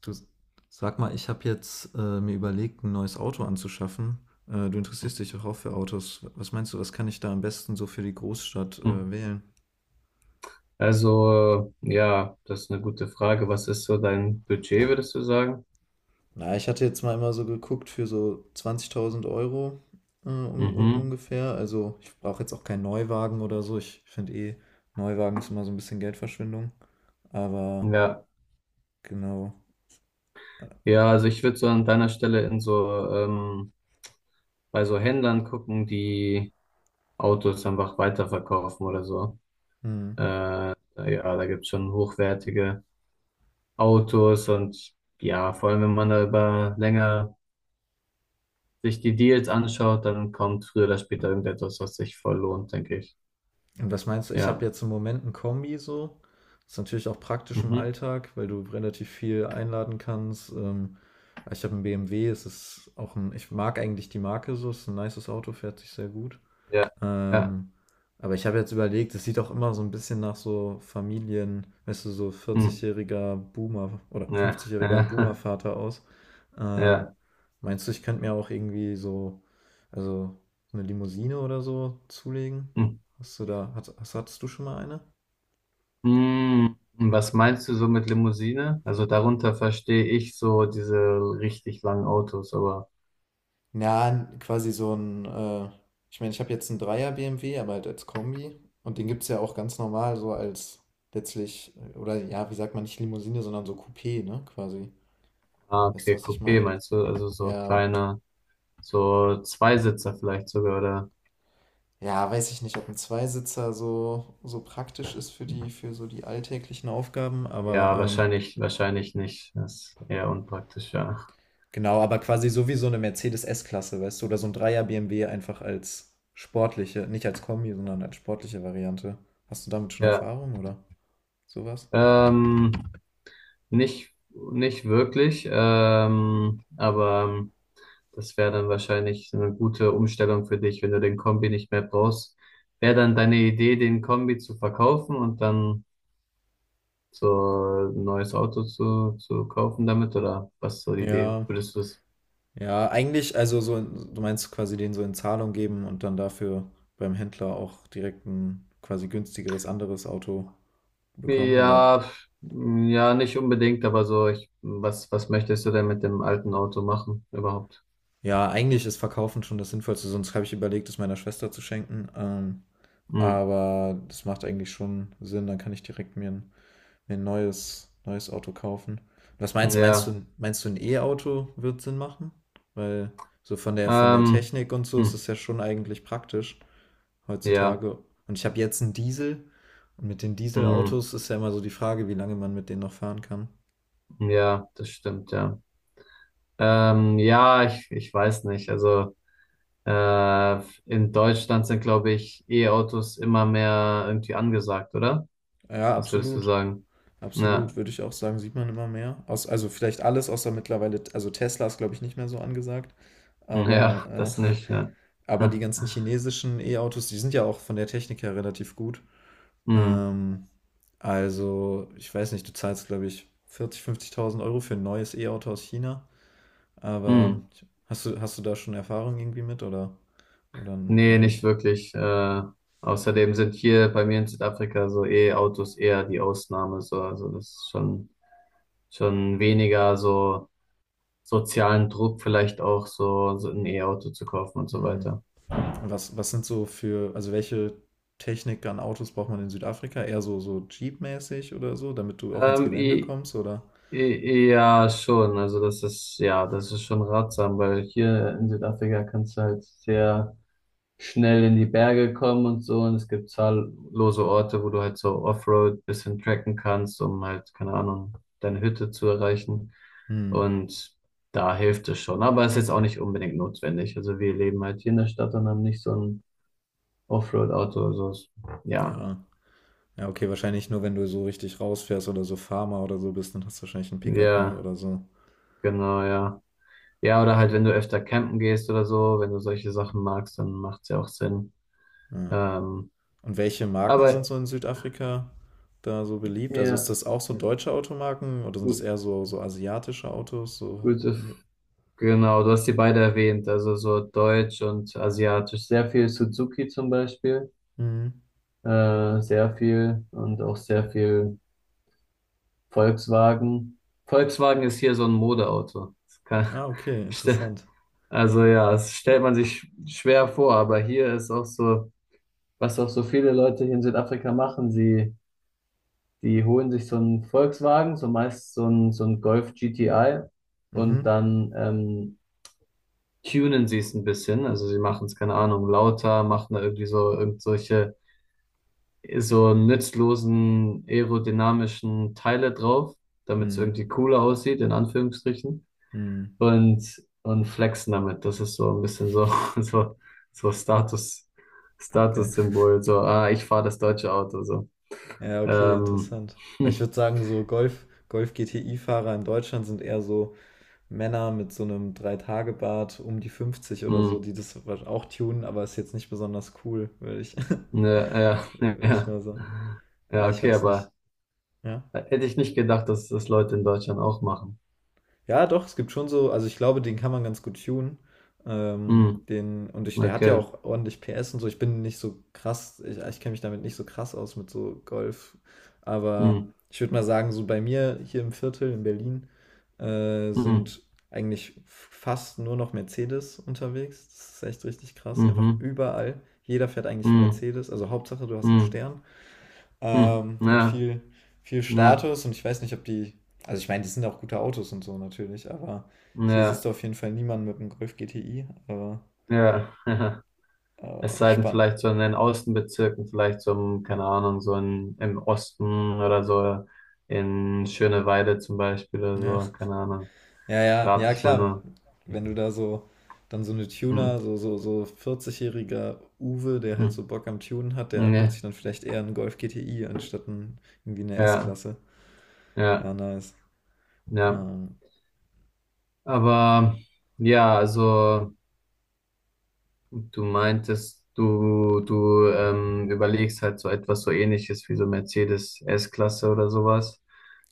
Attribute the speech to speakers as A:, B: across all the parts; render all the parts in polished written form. A: Du, sag mal, ich habe jetzt mir überlegt, ein neues Auto anzuschaffen. Du interessierst dich doch auch für Autos. Was meinst du, was kann ich da am besten so für die Großstadt
B: Mhm.
A: wählen?
B: Also, das ist eine gute Frage. Was ist so dein Budget, würdest du sagen?
A: Na, ich hatte jetzt mal immer so geguckt für so 20.000 Euro un un
B: Mhm.
A: ungefähr. Also ich brauche jetzt auch keinen Neuwagen oder so. Ich finde eh, Neuwagen ist immer so ein bisschen Geldverschwendung. Aber
B: Ja.
A: genau.
B: Ja, also ich würde so an deiner Stelle in so, bei so Händlern gucken, die Autos einfach weiterverkaufen oder so.
A: Hm.
B: Äh, ja, da gibt's schon hochwertige Autos und ja, vor allem wenn man da über länger sich die Deals anschaut, dann kommt früher oder später irgendetwas, was sich voll lohnt, denke ich.
A: Und was meinst du? Ich habe
B: Ja.
A: jetzt im Moment ein Kombi so. Ist natürlich auch praktisch im
B: Mhm.
A: Alltag, weil du relativ viel einladen kannst. Ich habe einen BMW, es ist auch ein, ich mag eigentlich die Marke so, es ist ein nices Auto, fährt sich sehr gut.
B: Ja. Ja.
A: Ähm, aber ich habe jetzt überlegt, es sieht auch immer so ein bisschen nach so Familien, weißt du, so
B: Hm.
A: 40-jähriger Boomer oder
B: Ja,
A: 50-jähriger
B: ja,
A: Boomer-Vater aus. Ähm,
B: ja.
A: Meinst du, ich könnte mir auch irgendwie so, also eine Limousine oder so zulegen?
B: Hm.
A: Hast du da, hattest du schon mal eine?
B: Hm. Was meinst du so mit Limousine? Also darunter verstehe ich so diese richtig langen Autos, aber
A: Ja, quasi so ein, ich meine, ich habe jetzt einen Dreier BMW, aber halt als Kombi. Und den gibt es ja auch ganz normal, so als letztlich, oder ja, wie sagt man, nicht Limousine, sondern so Coupé, ne, quasi.
B: ah,
A: Weißt du,
B: okay,
A: was ich
B: Coupé
A: meine?
B: meinst du? Also so
A: Ja.
B: kleiner, so Zweisitzer vielleicht sogar, oder?
A: Ja, weiß ich nicht, ob ein Zweisitzer so, so praktisch ist für die, für so die alltäglichen Aufgaben, aber
B: Ja, wahrscheinlich, wahrscheinlich nicht. Das ist eher unpraktisch, ja.
A: genau, aber quasi so wie so eine Mercedes S-Klasse, weißt du, oder so ein Dreier BMW einfach als sportliche, nicht als Kombi, sondern als sportliche Variante. Hast du damit schon
B: Ja,
A: Erfahrung oder sowas?
B: ähm, nicht wirklich, aber das wäre dann wahrscheinlich eine gute Umstellung für dich, wenn du den Kombi nicht mehr brauchst. Wäre dann deine Idee, den Kombi zu verkaufen und dann so ein neues Auto zu kaufen damit? Oder was ist so die Idee?
A: Ja,
B: Würdest du das?
A: ja, eigentlich, also so, du meinst quasi den so in Zahlung geben und dann dafür beim Händler auch direkt ein quasi günstigeres anderes Auto bekommen, oder?
B: Ja, ja, nicht unbedingt, aber so, ich, was möchtest du denn mit dem alten Auto machen überhaupt?
A: Ja, eigentlich ist Verkaufen schon das Sinnvollste, sonst habe ich überlegt, es meiner Schwester zu schenken.
B: Hm,
A: Aber das macht eigentlich schon Sinn, dann kann ich direkt mir ein neues Auto kaufen. Was meinst, meinst
B: ja,
A: du, meinst du, ein E-Auto wird Sinn machen? Weil so von der
B: ähm,
A: Technik und so ist
B: hm,
A: es ja schon eigentlich praktisch
B: ja,
A: heutzutage. Und ich habe jetzt einen Diesel und mit den
B: hm,
A: Dieselautos ist ja immer so die Frage, wie lange man mit denen noch fahren kann.
B: ja, das stimmt, ja. Ja, ich weiß nicht. Also. Äh, in Deutschland sind, glaube ich, E-Autos immer mehr irgendwie angesagt, oder?
A: Ja,
B: Was würdest du
A: absolut.
B: sagen?
A: Absolut,
B: Ja,
A: würde ich auch sagen, sieht man immer mehr. Aus, also vielleicht alles außer mittlerweile, also Tesla ist, glaube ich, nicht mehr so angesagt.
B: ja,
A: Aber,
B: das nicht,
A: äh,
B: ja.
A: aber die
B: Hm.
A: ganzen chinesischen E-Autos, die sind ja auch von der Technik her relativ gut.
B: Hm.
A: Ähm, also, ich weiß nicht, du zahlst, glaube ich, 40.000, 50.000 Euro für ein neues E-Auto aus China. Aber
B: Hm.
A: hast du da schon Erfahrung irgendwie mit oder
B: Nee,
A: noch
B: nicht
A: nicht?
B: wirklich. Außerdem sind hier bei mir in Südafrika so E-Autos eher die Ausnahme. So. Also das ist schon, schon weniger so sozialen Druck, vielleicht auch so, so ein E-Auto zu kaufen und so
A: Hm.
B: weiter.
A: Was sind so für, also welche Technik an Autos braucht man in Südafrika? Eher so, so Jeep-mäßig oder so, damit du auch ins
B: Ähm,
A: Gelände
B: i-
A: kommst, oder?
B: Ja, schon. Also das ist, ja, das ist schon ratsam, weil hier in Südafrika kannst du halt sehr schnell in die Berge kommen und so. Und es gibt zahllose Orte, wo du halt so Offroad bisschen tracken kannst, um halt, keine Ahnung, deine Hütte zu erreichen.
A: Hm,
B: Und da hilft es schon. Aber es ist jetzt auch nicht unbedingt notwendig. Also wir leben halt hier in der Stadt und haben nicht so ein Offroad-Auto. Ja,
A: ja. Ja, okay, wahrscheinlich nur, wenn du so richtig rausfährst oder so Farmer oder so bist, dann hast du wahrscheinlich einen Pickup, ne?
B: ja,
A: Oder so.
B: genau, ja. Ja, oder halt, wenn du öfter campen gehst oder so, wenn du solche Sachen magst, dann macht es ja auch Sinn.
A: Ja.
B: Ähm,
A: Und welche Marken sind
B: aber
A: so in Südafrika da so beliebt? Also ist
B: ja,
A: das auch so deutsche Automarken oder sind das
B: gu-
A: eher so, so asiatische Autos? So,
B: gute,
A: ne?
B: F- genau, du hast die beide erwähnt, also so Deutsch und Asiatisch. Sehr viel Suzuki zum Beispiel,
A: Mhm.
B: sehr viel und auch sehr viel Volkswagen. Volkswagen ist hier so ein Modeauto. Das kann,
A: Ah, okay,
B: ste-
A: interessant.
B: Also ja, das stellt man sich schwer vor, aber hier ist auch so, was auch so viele Leute hier in Südafrika machen, sie die holen sich so einen Volkswagen, so meist so einen Golf GTI und
A: Mhm.
B: dann tunen sie es ein bisschen. Also sie machen es, keine Ahnung, lauter, machen da irgendwie so irgendwelche so nützlosen aerodynamischen Teile drauf, damit es
A: Mhm.
B: irgendwie cooler aussieht, in Anführungsstrichen.
A: Mhm.
B: Und flexen damit. Das ist so ein bisschen so, so, so Status,
A: Geil.
B: Statussymbol. So, ah, ich fahre das deutsche Auto. So.
A: Ja, okay,
B: Ähm,
A: interessant. Weil ich würde sagen, so Golf, Golf-GTI-Fahrer in Deutschland sind eher so Männer mit so einem Drei-Tage-Bart um die 50 oder so, die das auch tunen, aber ist jetzt nicht besonders cool, würde ich,
B: Ja, ja,
A: würde ich
B: ja.
A: mal sagen. Ah,
B: Ja,
A: ich
B: okay,
A: weiß nicht.
B: aber
A: Ja.
B: hätte ich nicht gedacht, dass das Leute in Deutschland auch machen.
A: Ja, doch, es gibt schon so, also ich glaube, den kann man ganz gut tunen.
B: Hm,
A: Der hat ja
B: okay.
A: auch ordentlich PS und so. Ich bin nicht so krass, ich kenne mich damit nicht so krass aus mit so Golf. Aber
B: Hm,
A: ich würde mal sagen, so bei mir hier im Viertel in Berlin
B: hm,
A: sind eigentlich fast nur noch Mercedes unterwegs. Das ist echt richtig krass. Einfach
B: mhm,
A: überall. Jeder fährt eigentlich einen
B: hm,
A: Mercedes. Also Hauptsache, du hast einen
B: hm,
A: Stern.
B: hm.
A: Hat
B: Ja,
A: viel, viel
B: ja,
A: Status und ich weiß nicht, ob die. Also ich meine, die sind auch gute Autos und so natürlich, aber hier siehst
B: ja,
A: du auf jeden Fall niemanden mit einem Golf GTI, aber
B: ja. Es sei denn,
A: spannend.
B: vielleicht so in den Außenbezirken, vielleicht so, im, keine Ahnung, so in, im Osten oder so in Schöneweide zum Beispiel oder
A: Ja.
B: so, keine Ahnung.
A: Ja, ja,
B: Rate
A: ja,
B: ich mal
A: klar.
B: nur.
A: Wenn du da so dann so eine
B: Hm,
A: Tuner, so 40-jähriger Uwe, der halt
B: hm,
A: so Bock am Tunen hat,
B: hm.
A: der holt sich
B: Ja,
A: dann vielleicht eher einen Golf GTI anstatt ein, irgendwie eine
B: ja,
A: S-Klasse.
B: ja.
A: Ja, nice.
B: Ja.
A: Ähm,
B: Aber ja, also du meintest, du überlegst halt so etwas so Ähnliches wie so Mercedes S-Klasse oder sowas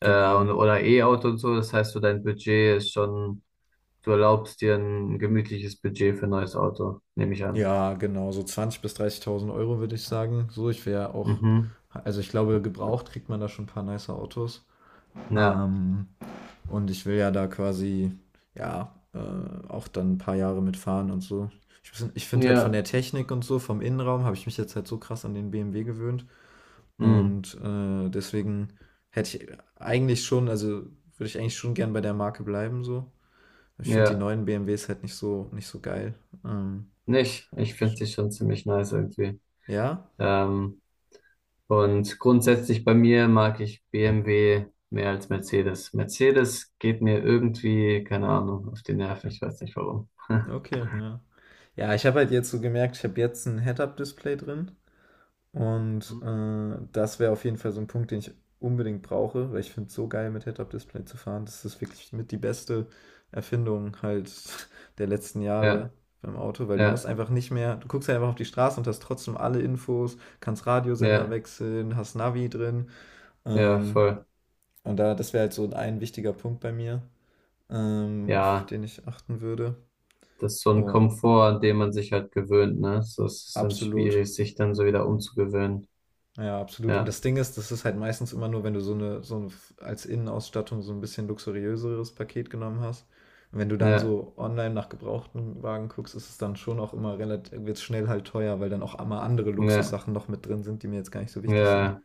B: und,
A: genau.
B: oder E-Auto und so. Das heißt, so dein Budget ist schon, du erlaubst dir ein gemütliches Budget für ein neues Auto, nehme ich an.
A: Ja, genau, so 20.000 bis 30.000 Euro würde ich sagen. So, ich wäre auch,
B: Mhm.
A: also ich glaube, gebraucht kriegt man da schon ein paar nice Autos.
B: Ja.
A: Ähm, und ich will ja da quasi, ja, auch dann ein paar Jahre mitfahren und so. Weiß ich finde halt von
B: Ja.
A: der Technik und so, vom Innenraum, habe ich mich jetzt halt so krass an den BMW gewöhnt.
B: Mhm.
A: Und deswegen hätte ich eigentlich schon, also würde ich eigentlich schon gern bei der Marke bleiben, so. Ich finde die
B: Ja.
A: neuen BMWs halt nicht so, nicht so geil. Ähm,
B: Nicht. Ich finde sie schon ziemlich nice irgendwie.
A: ja,
B: Ähm, Und grundsätzlich bei mir mag ich BMW mehr als Mercedes. Mercedes geht mir irgendwie, keine Ahnung, auf die Nerven. Ich weiß nicht warum.
A: okay, ja. Ja, ich habe halt jetzt so gemerkt, ich habe jetzt ein Head-Up-Display drin und
B: Mhm.
A: das wäre auf jeden Fall so ein Punkt, den ich unbedingt brauche, weil ich finde es so geil, mit Head-Up-Display zu fahren. Das ist wirklich mit die beste Erfindung halt der letzten Jahre
B: Ja,
A: beim Auto, weil du musst
B: ja,
A: einfach nicht mehr, du guckst halt einfach auf die Straße und hast trotzdem alle Infos, kannst Radiosender
B: ja,
A: wechseln, hast Navi drin.
B: ja,
A: Ähm,
B: voll.
A: und da, das wäre halt so ein wichtiger Punkt bei mir, auf
B: Ja,
A: den ich achten würde.
B: das ist so ein
A: Und
B: Komfort, an dem man sich halt gewöhnt, ne? So es ist dann
A: absolut.
B: schwierig, sich dann so wieder umzugewöhnen.
A: Ja, absolut. Und
B: Ja,
A: das Ding ist, das ist halt meistens immer nur, wenn du so eine als Innenausstattung so ein bisschen luxuriöseres Paket genommen hast. Und wenn du dann
B: ja,
A: so online nach gebrauchten Wagen guckst, ist es dann schon auch immer relativ, wird es schnell halt teuer, weil dann auch immer andere
B: ja,
A: Luxussachen noch mit drin sind, die mir jetzt gar nicht so wichtig sind.
B: ja,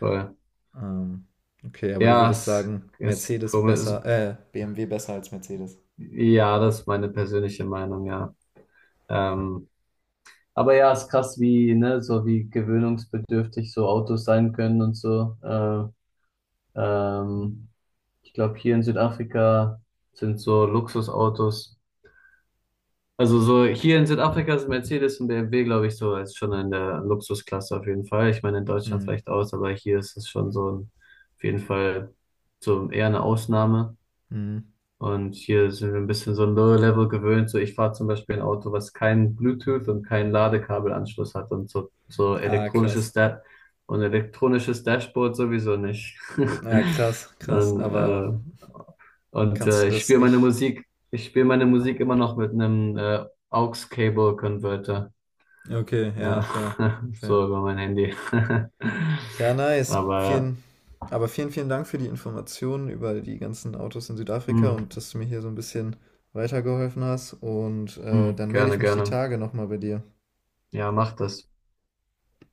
B: voll.
A: Ähm, okay, aber du
B: Ja,
A: würdest
B: es
A: sagen,
B: ist komisch.
A: BMW besser als Mercedes.
B: Ja, das ist meine persönliche Meinung, ja. Ähm, Aber ja, ist krass, wie, ne, so wie gewöhnungsbedürftig so Autos sein können und so. Ähm, Ich glaube, hier in Südafrika sind so Luxusautos. Also so hier in Südafrika sind Mercedes und BMW, glaube ich, so ist schon in der Luxusklasse auf jeden Fall. Ich meine, in Deutschland
A: Hm.
B: vielleicht aus, aber hier ist es schon so ein, auf jeden Fall so eher eine Ausnahme.
A: Hm.
B: Und hier sind wir ein bisschen so Low Level gewöhnt. So, ich fahre zum Beispiel ein Auto, was kein Bluetooth und keinen Ladekabelanschluss hat und so, so
A: Ah, krass.
B: elektronisches Da und elektronisches Dashboard sowieso nicht.
A: Ja, krass, krass.
B: Und,
A: Aber
B: äh, und
A: kannst
B: äh,
A: du
B: ich
A: das
B: spiele meine
A: nicht?
B: Musik, ich spiele meine Musik immer noch mit einem Aux-Cable-Converter.
A: Okay, ja,
B: Ja,
A: fair, fair.
B: so über mein Handy.
A: Ja, nice.
B: Aber ja,
A: Aber vielen, vielen Dank für die Informationen über die ganzen Autos in Südafrika
B: mm,
A: und dass du mir hier so ein bisschen weitergeholfen hast. Und
B: mm,
A: dann melde
B: gerne,
A: ich mich die
B: gerne.
A: Tage nochmal bei dir.
B: Ja, mach das.